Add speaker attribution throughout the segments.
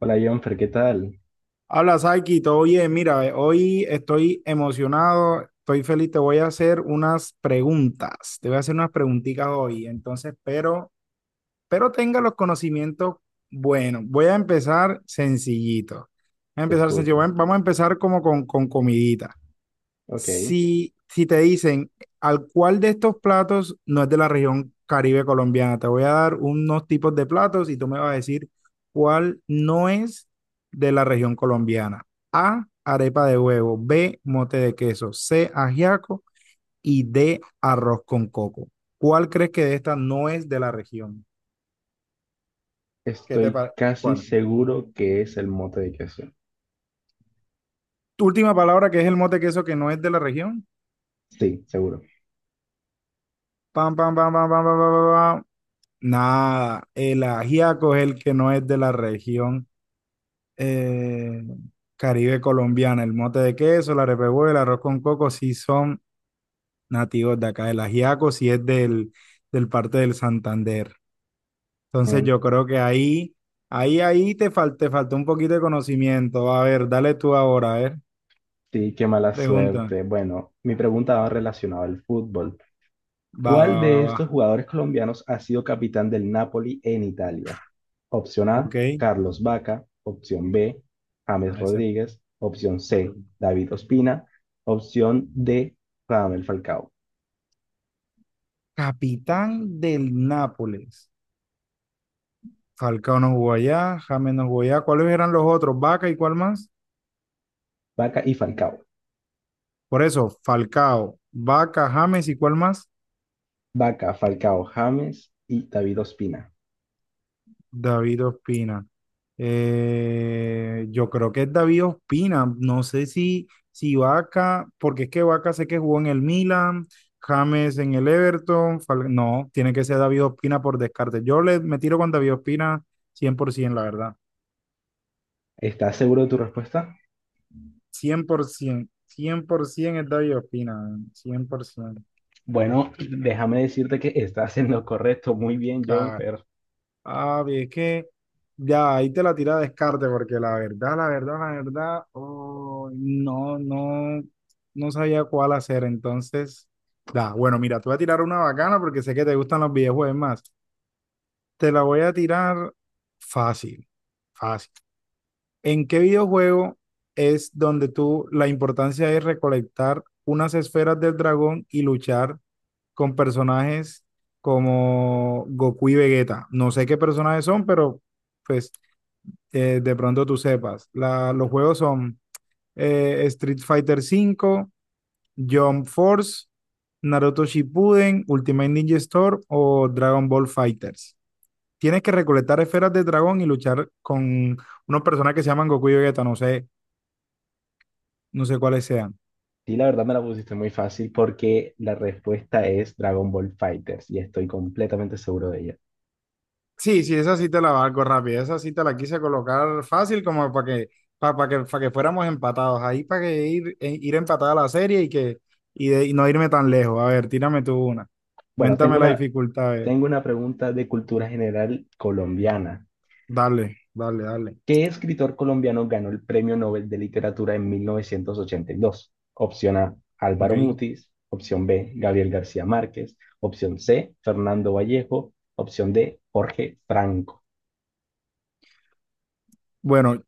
Speaker 1: Hola, Jonfer, ¿qué tal?
Speaker 2: Habla, Saiki, todo bien. Mira, hoy estoy emocionado, estoy feliz. Te voy a hacer unas preguntas. Te voy a hacer unas preguntitas hoy. Entonces, pero tenga los conocimientos. Bueno, voy a empezar sencillito. Voy a
Speaker 1: Te
Speaker 2: empezar sencillo.
Speaker 1: escucho.
Speaker 2: Vamos a empezar como con comidita.
Speaker 1: Ok.
Speaker 2: Si te dicen, ¿al cuál de estos platos no es de la región Caribe colombiana? Te voy a dar unos tipos de platos y tú me vas a decir cuál no es de la región colombiana. A, arepa de huevo, B, mote de queso, C, ajiaco y D, arroz con coco. ¿Cuál crees que de esta no es de la región? ¿Qué te
Speaker 1: Estoy
Speaker 2: parece?
Speaker 1: casi
Speaker 2: ¿Cuál?
Speaker 1: seguro que es el mote de queso.
Speaker 2: Tu última palabra que es el mote de queso que no es de la región.
Speaker 1: Sí, seguro.
Speaker 2: Pam, pam, pam, pam, pam, pam, pam, pam, pam. Nada, el ajiaco es el que no es de la región eh, Caribe colombiana. El mote de queso, la repehuela, el arroz con coco sí son nativos de acá. El ajiaco sí es del parte del Santander. Entonces
Speaker 1: Mm,
Speaker 2: yo creo que ahí te faltó un poquito de conocimiento. A ver, dale tú ahora, a ver,
Speaker 1: sí, qué mala
Speaker 2: pregunta.
Speaker 1: suerte. Bueno, mi pregunta va relacionada al fútbol.
Speaker 2: Va, va,
Speaker 1: ¿Cuál
Speaker 2: va,
Speaker 1: de
Speaker 2: va.
Speaker 1: estos jugadores colombianos ha sido capitán del Napoli en Italia? Opción A,
Speaker 2: Ok.
Speaker 1: Carlos Vaca. Opción B, James
Speaker 2: A esa-
Speaker 1: Rodríguez. Opción C, David Ospina. Opción D, Radamel Falcao.
Speaker 2: Capitán del Nápoles. Falcao no jugó allá, James no jugó allá. ¿Cuáles eran los otros? ¿Vaca y cuál más?
Speaker 1: Vaca y Falcao.
Speaker 2: Por eso, Falcao, Vaca, James, ¿y cuál más?
Speaker 1: Vaca, Falcao, James y David Ospina.
Speaker 2: David Ospina. Yo creo que es David Ospina. No sé si Vaca, porque es que Vaca sé que jugó en el Milan, James en el Everton. No, tiene que ser David Ospina por descarte. Yo le, me tiro con David Ospina 100%, la verdad.
Speaker 1: ¿Estás seguro de tu respuesta?
Speaker 2: Cien, por ciento, cien por 100% es David Ospina, 100%.
Speaker 1: Bueno, déjame decirte que estás en lo correcto. Muy bien, John, pero
Speaker 2: Ah, bien, es que ya ahí te la tira a descarte, porque la verdad, la verdad, la verdad, oh, no, no, no sabía cuál hacer. Entonces, da, bueno, mira, te voy a tirar una bacana porque sé que te gustan los videojuegos más. Te la voy a tirar fácil, fácil. ¿En qué videojuego es donde tú la importancia es recolectar unas esferas del dragón y luchar con personajes como Goku y Vegeta? No sé qué personajes son, pero pues de pronto tú sepas. Los juegos son Street Fighter 5, Jump Force, Naruto Shippuden, Ultimate Ninja Storm o Dragon Ball Fighters. Tienes que recolectar esferas de dragón y luchar con unos personajes que se llaman Goku y Vegeta, no sé, no sé cuáles sean.
Speaker 1: sí, la verdad me la pusiste muy fácil porque la respuesta es Dragon Ball Fighters y estoy completamente seguro de ella.
Speaker 2: Sí, sí, esa sí te la valgo rápida. Esa sí te la quise colocar fácil como para que, para, que, para que fuéramos empatados. Ahí para que ir, ir empatada la serie y que y no irme tan lejos. A ver, tírame tú una.
Speaker 1: Bueno,
Speaker 2: Cuéntame la dificultad. A ver,
Speaker 1: tengo una pregunta de cultura general colombiana.
Speaker 2: dale, dale, dale.
Speaker 1: ¿Qué escritor colombiano ganó el Premio Nobel de Literatura en 1982? Opción A,
Speaker 2: Ok.
Speaker 1: Álvaro Mutis. Opción B, Gabriel García Márquez. Opción C, Fernando Vallejo. Opción D, Jorge Franco.
Speaker 2: Bueno,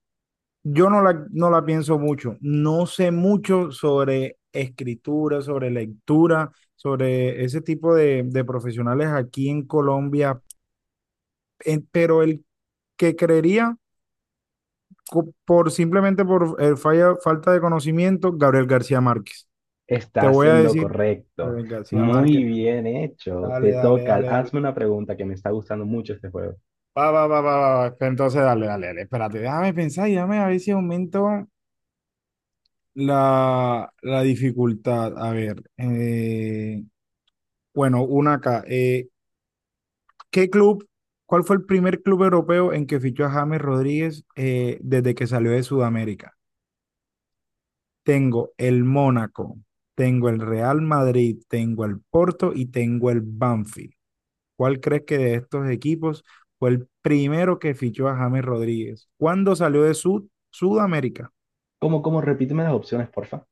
Speaker 2: yo no la pienso mucho. No sé mucho sobre escritura, sobre lectura, sobre ese tipo de profesionales aquí en Colombia. Pero el que creería por simplemente por el falta de conocimiento, Gabriel García Márquez. Te
Speaker 1: Estás
Speaker 2: voy a
Speaker 1: en lo
Speaker 2: decir,
Speaker 1: correcto.
Speaker 2: Gabriel García
Speaker 1: Muy
Speaker 2: Márquez,
Speaker 1: bien hecho.
Speaker 2: dale,
Speaker 1: Te
Speaker 2: dale,
Speaker 1: toca.
Speaker 2: dale, dale.
Speaker 1: Hazme una pregunta que me está gustando mucho este juego.
Speaker 2: Va, va, va, va, va, va. Entonces, dale, dale, dale. Espérate, déjame pensar y déjame a ver si aumento la dificultad. A ver, bueno, una acá. ¿Qué club, cuál fue el primer club europeo en que fichó a James Rodríguez desde que salió de Sudamérica? Tengo el Mónaco, tengo el Real Madrid, tengo el Porto y tengo el Banfield. ¿Cuál crees que de estos equipos fue el primero que fichó a James Rodríguez? ¿Cuándo salió de Sudamérica?
Speaker 1: ¿Cómo, cómo? Repíteme las opciones, porfa.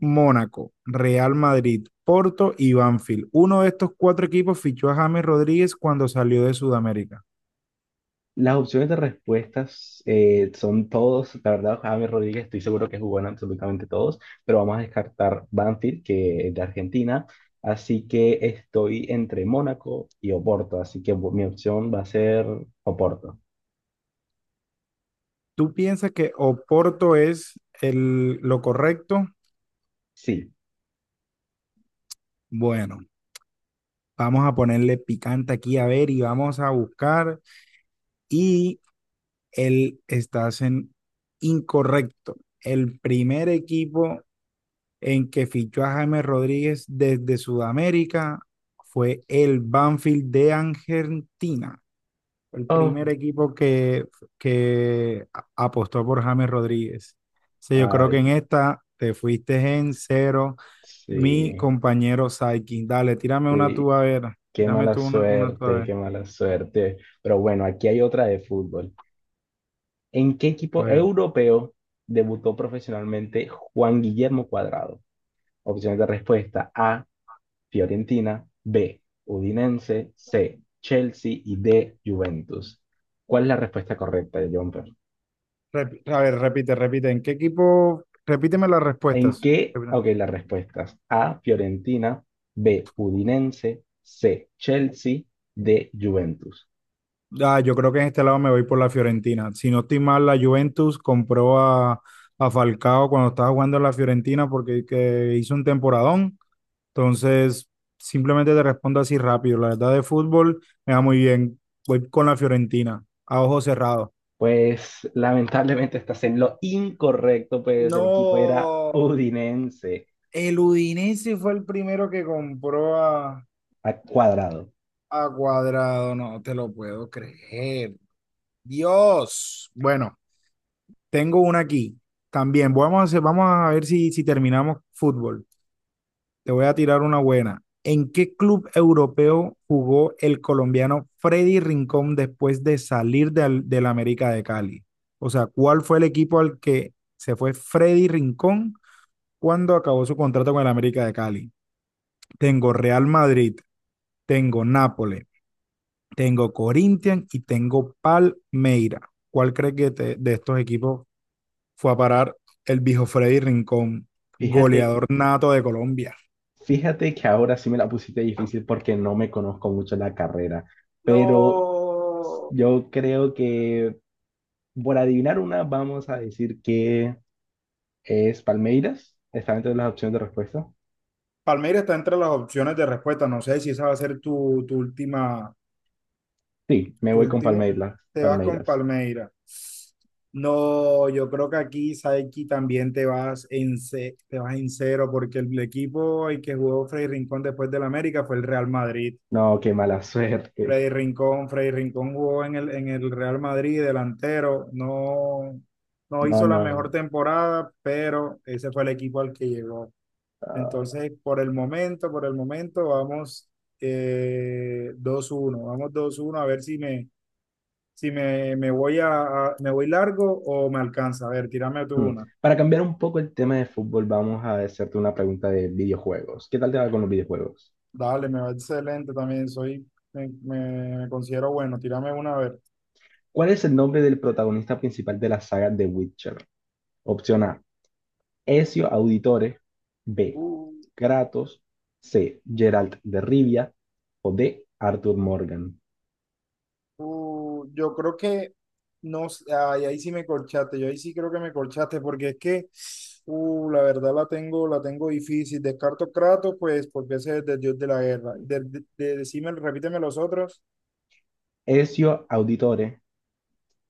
Speaker 2: Mónaco, Real Madrid, Porto y Banfield. Uno de estos cuatro equipos fichó a James Rodríguez cuando salió de Sudamérica.
Speaker 1: Las opciones de respuestas son todos, la verdad, James Rodríguez, estoy seguro que jugó en absolutamente todos, pero vamos a descartar Banfield, que es de Argentina. Así que estoy entre Mónaco y Oporto, así que mi opción va a ser Oporto.
Speaker 2: ¿Tú piensas que Oporto es lo correcto?
Speaker 1: Sí.
Speaker 2: Bueno, vamos a ponerle picante aquí a ver y vamos a buscar. Y estás en incorrecto. El primer equipo en que fichó a James Rodríguez desde Sudamérica fue el Banfield de Argentina. El
Speaker 1: Oh,
Speaker 2: primer equipo que apostó por James Rodríguez. Sí, yo creo que
Speaker 1: ay,
Speaker 2: en esta te fuiste en cero, mi
Speaker 1: sí.
Speaker 2: compañero Saikin. Dale, tírame una tú
Speaker 1: Sí,
Speaker 2: a ver.
Speaker 1: qué
Speaker 2: Tírame
Speaker 1: mala
Speaker 2: tú una tú a
Speaker 1: suerte,
Speaker 2: ver.
Speaker 1: qué mala suerte. Pero bueno, aquí hay otra de fútbol. ¿En qué
Speaker 2: A
Speaker 1: equipo
Speaker 2: ver.
Speaker 1: europeo debutó profesionalmente Juan Guillermo Cuadrado? Opciones de respuesta: A, Fiorentina; B, Udinese; C, Chelsea y D, Juventus. ¿Cuál es la respuesta correcta, Jumper?
Speaker 2: A ver, repite, repite. ¿En qué equipo? Repíteme las
Speaker 1: ¿En
Speaker 2: respuestas.
Speaker 1: qué? Ok, las respuestas: A, Fiorentina; B, Udinese; C, Chelsea; D, Juventus.
Speaker 2: Ah, yo creo que en este lado me voy por la Fiorentina. Si no estoy mal, la Juventus compró a Falcao cuando estaba jugando en la Fiorentina porque que hizo un temporadón. Entonces, simplemente te respondo así rápido. La verdad de fútbol me va muy bien. Voy con la Fiorentina, a ojo cerrado.
Speaker 1: Pues lamentablemente estás en lo incorrecto, pues el equipo era
Speaker 2: No,
Speaker 1: Udinense
Speaker 2: el Udinese fue el primero que compró a,
Speaker 1: a cuadrado.
Speaker 2: a Cuadrado. No te lo puedo creer. Dios. Bueno, tengo una aquí. También vamos vamos a ver si terminamos fútbol. Te voy a tirar una buena. ¿En qué club europeo jugó el colombiano Freddy Rincón después de salir del América de Cali? O sea, ¿cuál fue el equipo al que se fue Freddy Rincón cuando acabó su contrato con el América de Cali? Tengo Real Madrid, tengo Nápoles, tengo Corinthians y tengo Palmeira. ¿Cuál crees que de estos equipos fue a parar el viejo Freddy Rincón,
Speaker 1: Fíjate,
Speaker 2: goleador nato de Colombia?
Speaker 1: fíjate que ahora sí me la pusiste difícil porque no me conozco mucho la carrera, pero
Speaker 2: No.
Speaker 1: yo creo que por adivinar una vamos a decir que es Palmeiras. Está dentro de las opciones de respuesta.
Speaker 2: Palmeiras está entre las opciones de respuesta. No sé si esa va a ser tu última,
Speaker 1: Sí, me
Speaker 2: tu
Speaker 1: voy con
Speaker 2: último.
Speaker 1: Palmeiras.
Speaker 2: Te vas con
Speaker 1: Palmeiras.
Speaker 2: Palmeiras. No, yo creo que aquí, Saiki, también te vas en cero, porque el equipo el que jugó Freddy Rincón después del América fue el Real Madrid.
Speaker 1: No, qué mala suerte.
Speaker 2: Freddy Rincón, Freddy Rincón jugó en el Real Madrid, delantero, no, no
Speaker 1: No,
Speaker 2: hizo la mejor
Speaker 1: no.
Speaker 2: temporada, pero ese fue el equipo al que llegó.
Speaker 1: No.
Speaker 2: Entonces, por el momento, vamos 2-1, vamos 2-1 a ver si si me, me voy a, me voy largo o me alcanza. A ver, tírame tú
Speaker 1: Hmm.
Speaker 2: una.
Speaker 1: Para cambiar un poco el tema de fútbol, vamos a hacerte una pregunta de videojuegos. ¿Qué tal te va con los videojuegos?
Speaker 2: Dale, me va excelente también, soy, me considero bueno, tírame una a ver.
Speaker 1: ¿Cuál es el nombre del protagonista principal de la saga The Witcher? Opción A, Ezio Auditore. B, Kratos. C, Geralt de Rivia. O D, Arthur Morgan.
Speaker 2: Yo creo que no, ay, ahí sí me corchaste, yo ahí sí creo que me corchaste, porque es que la verdad la tengo difícil. Descarto Kratos, pues, porque ese es el dios de la guerra. Decime, repíteme los otros.
Speaker 1: Ezio Auditore,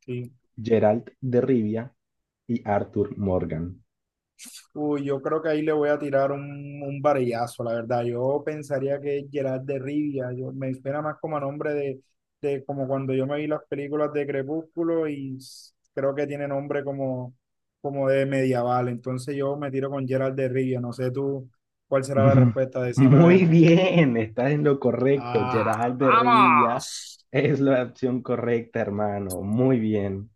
Speaker 2: Sí.
Speaker 1: Geralt de Rivia y Arthur Morgan.
Speaker 2: Uy, yo creo que ahí le voy a tirar un varillazo, la verdad. Yo pensaría que es Gerard de Rivia. Yo, me espera más como a nombre de como cuando yo me vi las películas de Crepúsculo y creo que tiene nombre como de medieval. Entonces yo me tiro con Gerard de Rivia. No sé tú cuál será la
Speaker 1: Ujú.
Speaker 2: respuesta. Decime a
Speaker 1: Muy
Speaker 2: ver.
Speaker 1: bien, estás en lo correcto.
Speaker 2: ¡Ah,
Speaker 1: Gerald de Rivia
Speaker 2: vamos!
Speaker 1: es la opción correcta, hermano. Muy bien.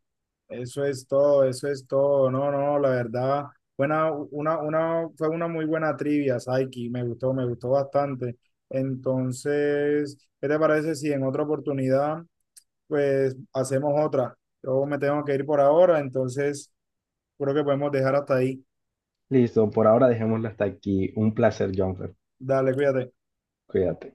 Speaker 2: Eso es todo, eso es todo. No, no, la verdad, buena, fue una muy buena trivia, Saiki. Me gustó bastante. Entonces, ¿qué te parece si en otra oportunidad, pues, hacemos otra? Yo me tengo que ir por ahora, entonces creo que podemos dejar hasta ahí.
Speaker 1: Listo, por ahora dejémoslo hasta aquí. Un placer, Jonfer.
Speaker 2: Dale, cuídate.
Speaker 1: Cuídate.